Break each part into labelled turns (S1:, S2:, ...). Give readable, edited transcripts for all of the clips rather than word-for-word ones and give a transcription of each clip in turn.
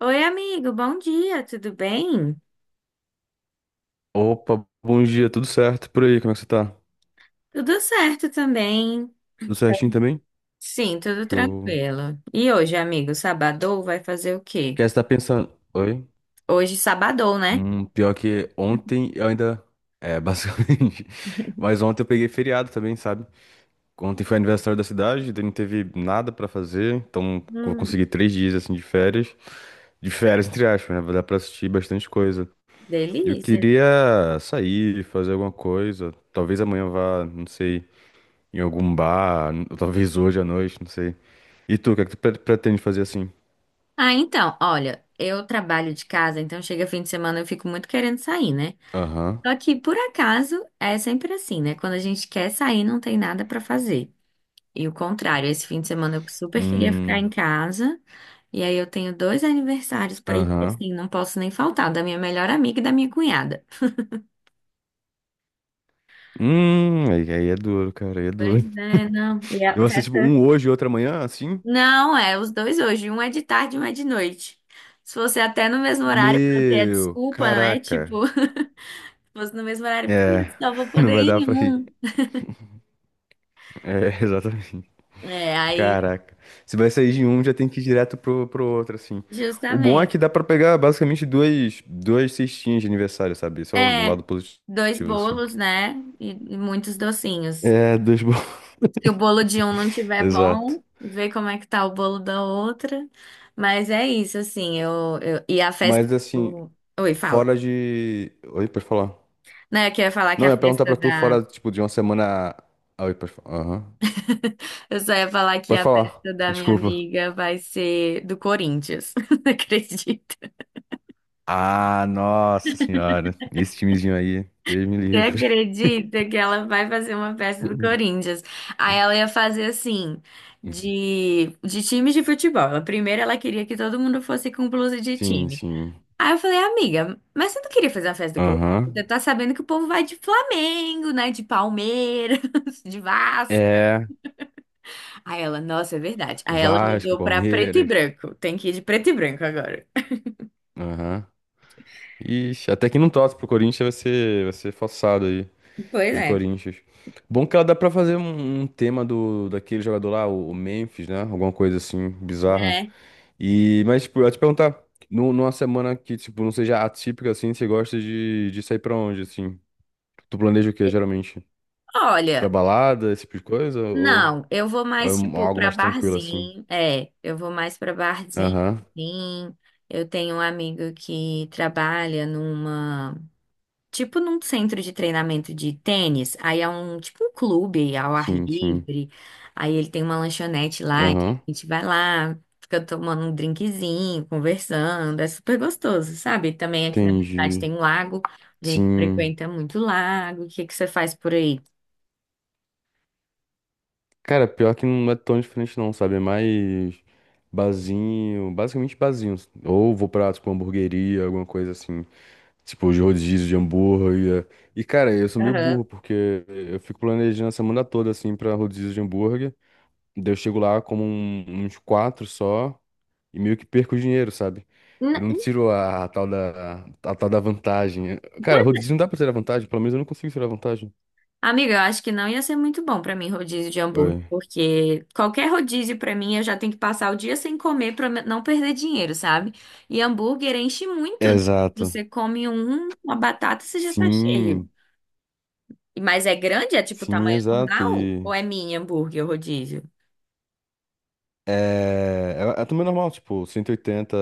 S1: Oi, amigo, bom dia, tudo bem?
S2: Opa, bom dia, tudo certo por aí? Como é que você tá?
S1: Tudo certo também.
S2: Tudo certinho também?
S1: Sim, tudo
S2: Show.
S1: tranquilo. E hoje, amigo, sabadou vai fazer o quê?
S2: Quer estar pensando? Oi?
S1: Hoje, sabadou, né?
S2: Pior que ontem eu ainda. É, basicamente. Mas ontem eu peguei feriado também, sabe? Ontem foi aniversário da cidade, daí não teve nada pra fazer, então vou
S1: Hum,
S2: conseguir 3 dias assim de férias. De férias, entre aspas, né? Vai dar pra assistir bastante coisa. Eu
S1: delícia.
S2: queria sair, fazer alguma coisa. Talvez amanhã eu vá, não sei. Em algum bar, talvez hoje à noite, não sei. E tu, o que é que tu pretende fazer assim?
S1: Ah, então, olha, eu trabalho de casa, então chega fim de semana eu fico muito querendo sair, né?
S2: Aham.
S1: Só que, por acaso, é sempre assim, né? Quando a gente quer sair, não tem nada pra fazer. E o contrário, esse fim de semana eu super queria ficar em
S2: Hum.
S1: casa. E aí eu tenho dois aniversários para ir, que,
S2: Aham.
S1: assim, não posso nem faltar, da minha melhor amiga e da minha cunhada.
S2: Aí é duro, cara, aí é
S1: Pois
S2: duro.
S1: é, não. E a
S2: Eu assisto tipo,
S1: festa?
S2: um hoje e outro amanhã, assim?
S1: Não, é os dois hoje, um é de tarde e um é de noite. Se fosse até no mesmo horário para ter a
S2: Meu,
S1: desculpa, né?
S2: caraca.
S1: Tipo, se fosse no mesmo horário,
S2: É,
S1: putz, só vou
S2: não
S1: poder
S2: vai dar
S1: ir em
S2: pra ir.
S1: um.
S2: É, exatamente.
S1: É, aí,
S2: Caraca. Se vai sair de um, já tem que ir direto pro outro, assim. O bom é que
S1: justamente.
S2: dá pra pegar basicamente duas cestinhas de aniversário, sabe? Só um
S1: É,
S2: lado
S1: dois
S2: positivo, assim.
S1: bolos, né? E muitos docinhos.
S2: É, dois bons.
S1: Se o bolo de um não tiver
S2: Exato.
S1: bom, vê como é que tá o bolo da outra. Mas é isso, assim, e a festa
S2: Mas assim,
S1: do... Oi, fala.
S2: fora de. Oi, pode falar.
S1: Não, é que eu ia falar que
S2: Não,
S1: a
S2: eu ia perguntar
S1: festa
S2: pra tu
S1: da...
S2: fora, tipo, de uma semana. Ah, oi, pode falar. Aham.
S1: Eu só ia falar que
S2: Pode
S1: a
S2: falar.
S1: festa da minha
S2: Desculpa.
S1: amiga vai ser do Corinthians. Não acredito.
S2: Ah, nossa senhora. Esse timezinho aí, Deus me
S1: Você
S2: livre.
S1: acredita que ela vai fazer uma festa do Corinthians? Aí ela ia fazer assim, de times de futebol. Ela, primeiro ela queria que todo mundo fosse com blusa de
S2: Sim,
S1: time.
S2: sim.
S1: Aí eu falei, amiga, mas você não queria fazer uma festa do Corinthians? Você
S2: Aham.
S1: tá sabendo que o povo vai de Flamengo, né? De Palmeiras, de Vasco.
S2: É.
S1: Aí ela, nossa, é verdade. Aí ela
S2: Vasco,
S1: mudou pra preto e
S2: Palmeiras.
S1: branco. Tem que ir de preto e branco agora.
S2: Aham. Ixi, até que não torce pro Corinthians vai ser forçado aí.
S1: Pois
S2: De
S1: é.
S2: Corinthians. Bom que ela dá pra fazer um tema do daquele jogador lá, o Memphis, né? Alguma coisa assim, bizarra.
S1: É.
S2: E, mas, tipo, eu ia te perguntar, numa semana que, tipo, não seja atípica, assim, você gosta de sair pra onde, assim? Tu planeja o quê, geralmente? Pra
S1: Olha,
S2: balada, esse tipo de coisa? Ou,
S1: não, eu vou
S2: ou é
S1: mais, tipo,
S2: algo
S1: pra
S2: mais tranquilo, assim?
S1: barzinho. É, eu vou mais pra barzinho.
S2: Aham,
S1: Sim. Eu tenho um amigo que trabalha numa. Tipo num centro de treinamento de tênis, aí é um tipo um clube ao ar
S2: sim, sim.
S1: livre, aí ele tem uma lanchonete lá, então
S2: Aham,
S1: a gente vai lá, fica tomando um drinkzinho, conversando, é super gostoso, sabe? Também aqui na minha cidade
S2: entendi.
S1: tem um lago, a gente
S2: Sim.
S1: frequenta muito lago. O que que você faz por aí?
S2: Cara, pior que não é tão diferente não, sabe? É mais barzinho, basicamente barzinho. Ou vou pra, tipo, hamburgueria, alguma coisa assim. Tipo, de rodízio de hambúrguer. E, cara, eu sou meio
S1: Aham.
S2: burro, porque eu fico planejando a semana toda, assim, pra rodízio de hambúrguer. Daí eu chego lá como uns quatro só e meio que perco o dinheiro, sabe?
S1: N-
S2: Eu não tiro a tal da vantagem. Cara, rodízio não dá pra tirar vantagem, pelo menos eu não consigo tirar vantagem.
S1: Amiga, eu acho que não ia ser muito bom pra mim rodízio de hambúrguer,
S2: Oi.
S1: porque qualquer rodízio pra mim eu já tenho que passar o dia sem comer pra não perder dinheiro, sabe? E hambúrguer enche muito, né?
S2: Exato.
S1: Você come um, uma batata, você já tá cheio.
S2: Sim,
S1: Mas é grande? É tipo
S2: sim,
S1: tamanho
S2: exato.
S1: normal?
S2: E
S1: Ou é mini hambúrguer o rodízio?
S2: é, é também normal, tipo, cento e oitenta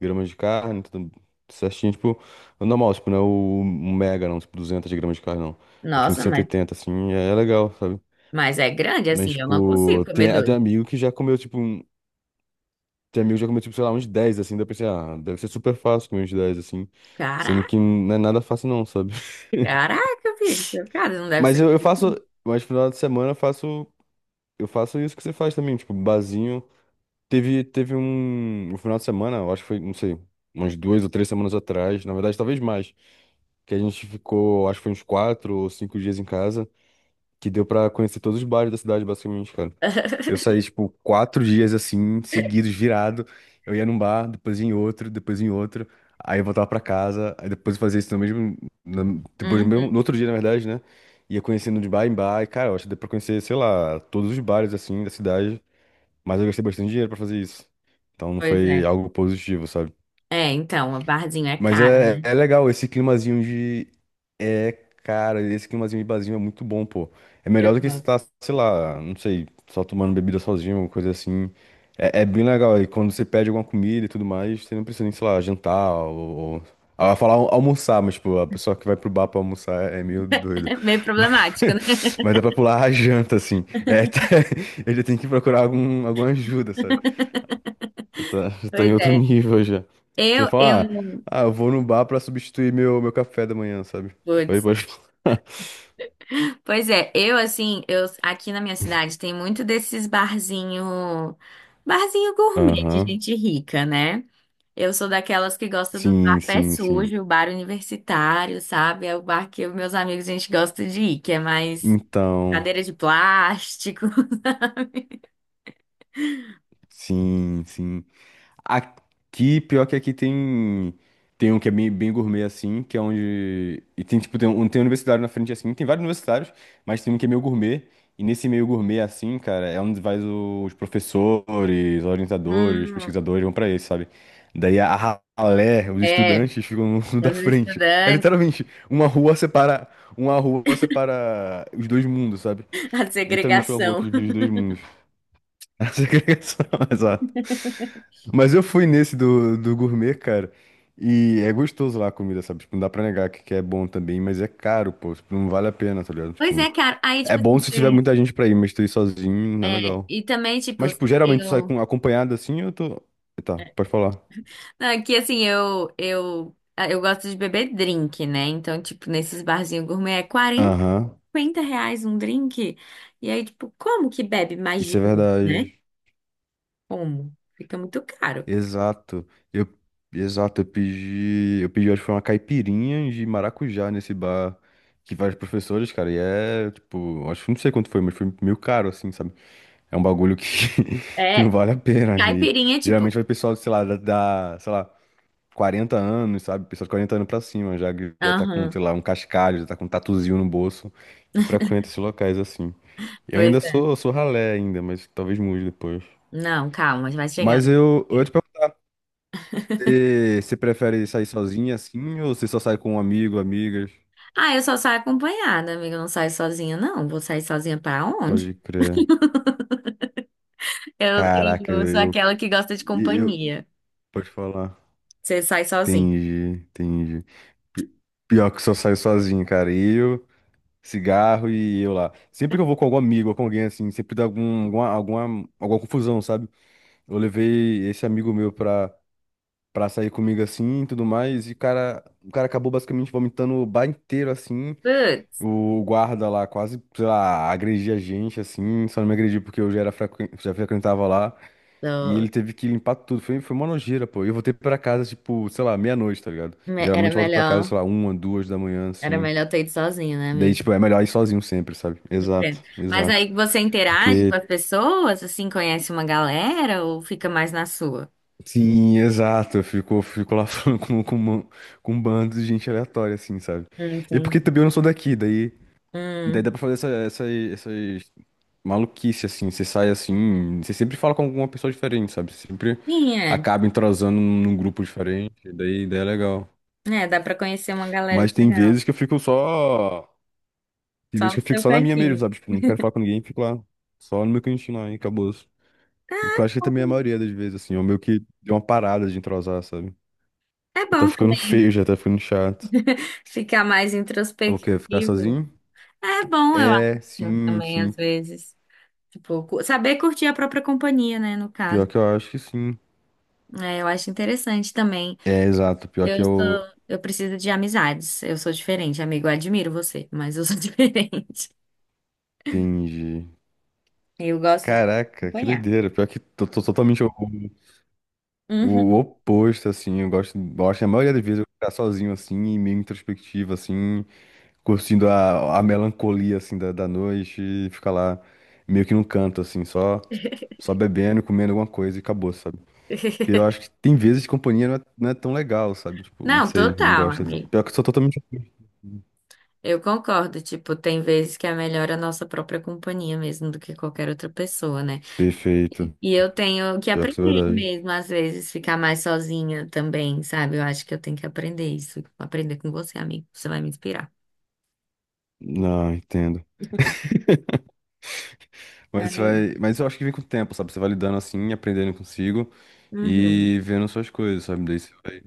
S2: gramas de carne, tudo certinho, tipo, é normal, tipo, não é o um mega, não, tipo, 200 gramas de carne, não. É tipo, em
S1: Nossa,
S2: cento e oitenta assim, é legal, sabe?
S1: mas é grande
S2: Mas,
S1: assim, eu não consigo
S2: tipo,
S1: comer
S2: tem até
S1: dois.
S2: amigo que já comeu, tipo, tem amigo que já comeu, tipo, sei lá, uns 10 assim, daí eu pensei, ah, deve ser super fácil comer uns 10 assim, sendo
S1: Caraca,
S2: que não é nada fácil, não, sabe?
S1: caraca, filho, cara, não deve
S2: Mas
S1: ser.
S2: eu faço, mas no final de semana eu faço isso que você faz também, tipo, barzinho. Teve um final de semana, eu acho que foi, não sei, umas 2 ou 3 semanas atrás, na verdade, talvez mais, que a gente ficou, acho que foi uns 4 ou 5 dias em casa, que deu pra conhecer todos os bares da cidade, basicamente, cara. Eu saí, tipo, 4 dias assim, seguidos, virado. Eu ia num bar, depois ia em outro, depois em outro. Aí eu voltava pra casa, aí depois eu fazia isso no mesmo. Depois no mesmo,
S1: Uhum,
S2: no outro dia, na verdade, né? Ia conhecendo de bar em bar, e, cara, eu acho que deu pra conhecer, sei lá, todos os bares assim da cidade. Mas eu gastei bastante dinheiro pra fazer isso. Então não
S1: pois
S2: foi
S1: é.
S2: algo positivo, sabe?
S1: É, então, o barzinho é
S2: Mas
S1: caro,
S2: é,
S1: né?
S2: é legal, esse climazinho de. É, cara, esse climazinho de barzinho é muito bom, pô. É
S1: Eu
S2: melhor do que
S1: gosto.
S2: estar, sei lá, não sei, só tomando bebida sozinho, alguma coisa assim. É bem legal. E quando você pede alguma comida e tudo mais, você não precisa nem, sei lá, jantar ou... Ah, eu ia falar almoçar, mas, tipo, a pessoa que vai pro bar pra almoçar é meio doido.
S1: É meio
S2: Mas,
S1: problemático, né?
S2: mas dá pra pular a janta, assim. É, ele tem que procurar alguma ajuda, sabe? Eu tá, tá
S1: Pois
S2: em outro
S1: é.
S2: nível já. A pessoa
S1: Eu
S2: fala, ah,
S1: não.
S2: ah, eu vou no bar pra substituir meu café da manhã, sabe? Aí
S1: Putz.
S2: pode falar.
S1: Pois é, eu assim, eu aqui na minha cidade tem muito desses barzinho, barzinho gourmet de
S2: Aham.
S1: gente rica, né? Eu sou daquelas que gosta do bar
S2: Sim,
S1: pé
S2: sim, sim.
S1: sujo, bar universitário, sabe? É o bar que os meus amigos a gente gosta de ir, que é mais
S2: Então,
S1: cadeira de plástico.
S2: sim, sim. Aqui, pior que aqui tem. Tem um que é bem, bem gourmet, assim, que é onde. E tem, tipo, tem um universitário na frente, assim. Tem vários universitários, mas tem um que é meio gourmet. E nesse meio gourmet, assim, cara, é onde vai os professores, orientadores,
S1: Hum,
S2: pesquisadores, vão pra esse, sabe? Daí a ralé, os
S1: é,
S2: estudantes ficam no,
S1: são
S2: da
S1: os
S2: frente. É
S1: estudantes,
S2: literalmente, uma rua separa. Uma rua separa os dois mundos, sabe?
S1: a
S2: Literalmente uma rua que
S1: segregação.
S2: divide os dois mundos. A segregação, exato. Mas eu fui nesse do gourmet, cara. E é gostoso lá a comida, sabe? Tipo, não dá pra negar que é bom também, mas é caro, pô. Tipo, não vale a pena, tá ligado?
S1: Pois
S2: Tipo,
S1: é, cara. Aí,
S2: é
S1: tipo
S2: bom
S1: assim,
S2: se tiver muita gente pra ir, mas tu ir sozinho não é legal.
S1: e também, tipo,
S2: Mas, tipo, geralmente tu sai
S1: eu.
S2: com, acompanhado assim, eu tô. Tá, pode falar.
S1: Aqui, assim, ah, eu gosto de beber drink, né? Então, tipo, nesses barzinhos gourmet é 40
S2: Aham.
S1: R$ 50 um drink. E aí, tipo, como que bebe mais de
S2: Isso é
S1: dois, né?
S2: verdade.
S1: Como? Fica muito caro.
S2: Exato. Eu, exato, eu pedi, acho que foi uma caipirinha de maracujá nesse bar que vários professores, cara, e é, tipo, acho que não sei quanto foi, mas foi meio caro, assim, sabe? É um bagulho que, que não
S1: É,
S2: vale a pena. E
S1: caipirinha, tipo.
S2: geralmente vai pessoal, sei lá, da, sei lá, 40 anos, sabe? Pessoal de 40 anos pra cima, já, que já tá com, sei
S1: Aham,
S2: lá, um cascalho, já tá com um tatuzinho no bolso, que frequenta esses locais, assim. Eu
S1: pois
S2: ainda
S1: é.
S2: sou ralé ainda, mas talvez mude depois.
S1: Não, calma, vai chegar
S2: Mas eu ia
S1: lá.
S2: te perguntar. Você prefere sair sozinha assim ou você só sai com um amigo, amigas?
S1: Ah, eu só saio acompanhada, amiga. Eu não saio sozinha, não. Vou sair sozinha pra onde?
S2: Pode crer.
S1: Eu,
S2: Caraca,
S1: eu sou aquela que gosta de
S2: eu, eu-
S1: companhia.
S2: pode falar.
S1: Você sai sozinha.
S2: Entendi, entendi. Pi- Pior que só saio sozinho, cara. Eu, cigarro e eu lá. Sempre que eu vou com algum amigo ou com alguém assim, sempre dá alguma, alguma confusão, sabe? Eu levei esse amigo meu pra sair comigo assim e tudo mais, e o cara acabou basicamente vomitando o bar inteiro assim.
S1: Putz,
S2: O guarda lá quase, sei lá, agredia a gente, assim, só não me agrediu porque eu já era já frequentava lá, e
S1: eu-
S2: ele teve que limpar tudo, foi uma nojeira, pô. E eu voltei pra casa, tipo, sei lá, meia-noite, tá ligado?
S1: era
S2: Geralmente eu volto pra casa,
S1: melhor.
S2: sei lá, uma, duas da manhã,
S1: Era
S2: assim,
S1: melhor ter ido sozinho, né,
S2: daí,
S1: amigo?
S2: tipo, é melhor ir sozinho sempre, sabe?
S1: Entendo.
S2: Exato,
S1: Mas
S2: exato,
S1: aí você interage com
S2: porque,
S1: as pessoas, assim, conhece uma galera ou fica mais na sua?
S2: sim, exato, eu fico lá falando com com um bando de gente aleatória, assim, sabe? E porque também eu
S1: Entendi.
S2: não sou daqui, daí, daí dá pra
S1: Hum.
S2: fazer essas maluquice, assim. Você sai assim, você sempre fala com alguma pessoa diferente, sabe? Você sempre
S1: Sim, é.
S2: acaba entrosando num grupo diferente, daí é legal.
S1: É, dá pra conhecer uma galera
S2: Mas tem
S1: legal.
S2: vezes que eu fico só. Tem
S1: Só
S2: vezes
S1: no
S2: que eu fico
S1: seu
S2: só na minha mesmo,
S1: cantinho.
S2: sabe? Tipo, não quero falar com ninguém, fico lá, só no meu cantinho lá, e acabou. Eu acho que também é a maioria das vezes, assim, eu meio que deu uma parada de entrosar, sabe?
S1: É
S2: Porque tá
S1: bom
S2: ficando
S1: também
S2: feio já, tá ficando chato.
S1: ficar mais
S2: O quê? Ficar
S1: introspectivo.
S2: sozinho?
S1: É bom, eu
S2: É,
S1: acho,
S2: sim,
S1: também,
S2: sim.
S1: às vezes. Tipo, saber curtir a própria companhia, né, no
S2: Pior
S1: caso.
S2: que eu acho que sim.
S1: É, eu acho interessante também.
S2: É, exato. Pior que
S1: Eu sou,
S2: eu
S1: eu preciso de amizades. Eu sou diferente, amigo. Eu admiro você, mas eu sou diferente.
S2: entendi.
S1: Eu gosto de
S2: Caraca, que
S1: acompanhar.
S2: doideira. Pior que tô totalmente o
S1: Uhum.
S2: oposto, assim. Eu gosto, a maioria das vezes, eu ficar sozinho, assim, e meio introspectivo, assim, curtindo a melancolia, assim, da noite e ficar lá meio que num canto, assim, só bebendo, comendo alguma coisa e acabou, sabe? Porque eu acho que tem vezes que companhia não é tão legal, sabe? Tipo, não
S1: Não,
S2: sei, não
S1: total,
S2: gosto tanto.
S1: amigo.
S2: Pior que eu sou totalmente oposto.
S1: Eu concordo. Tipo, tem vezes que é melhor a nossa própria companhia mesmo do que qualquer outra pessoa, né?
S2: Perfeito.
S1: E eu tenho que
S2: Pior que isso é
S1: aprender
S2: verdade.
S1: mesmo, às vezes, ficar mais sozinha também, sabe? Eu acho que eu tenho que aprender isso. Aprender com você, amigo. Você vai me inspirar.
S2: Não, entendo. Mas
S1: Aí.
S2: vai, mas eu acho que vem com o tempo, sabe? Você vai lidando assim, aprendendo consigo
S1: Uhum.
S2: e vendo suas coisas, sabe? Daí você vai,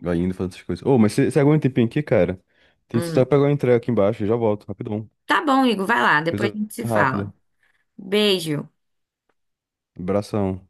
S2: vai indo fazendo suas coisas. Ô, mas você aguenta um tempinho aqui, cara? Tem só
S1: Hum.
S2: pegar uma entrega aqui embaixo e já volto, rapidão.
S1: Tá bom, Igor, vai lá. Depois a
S2: Coisa
S1: gente se
S2: rápida.
S1: fala. Beijo.
S2: Abração.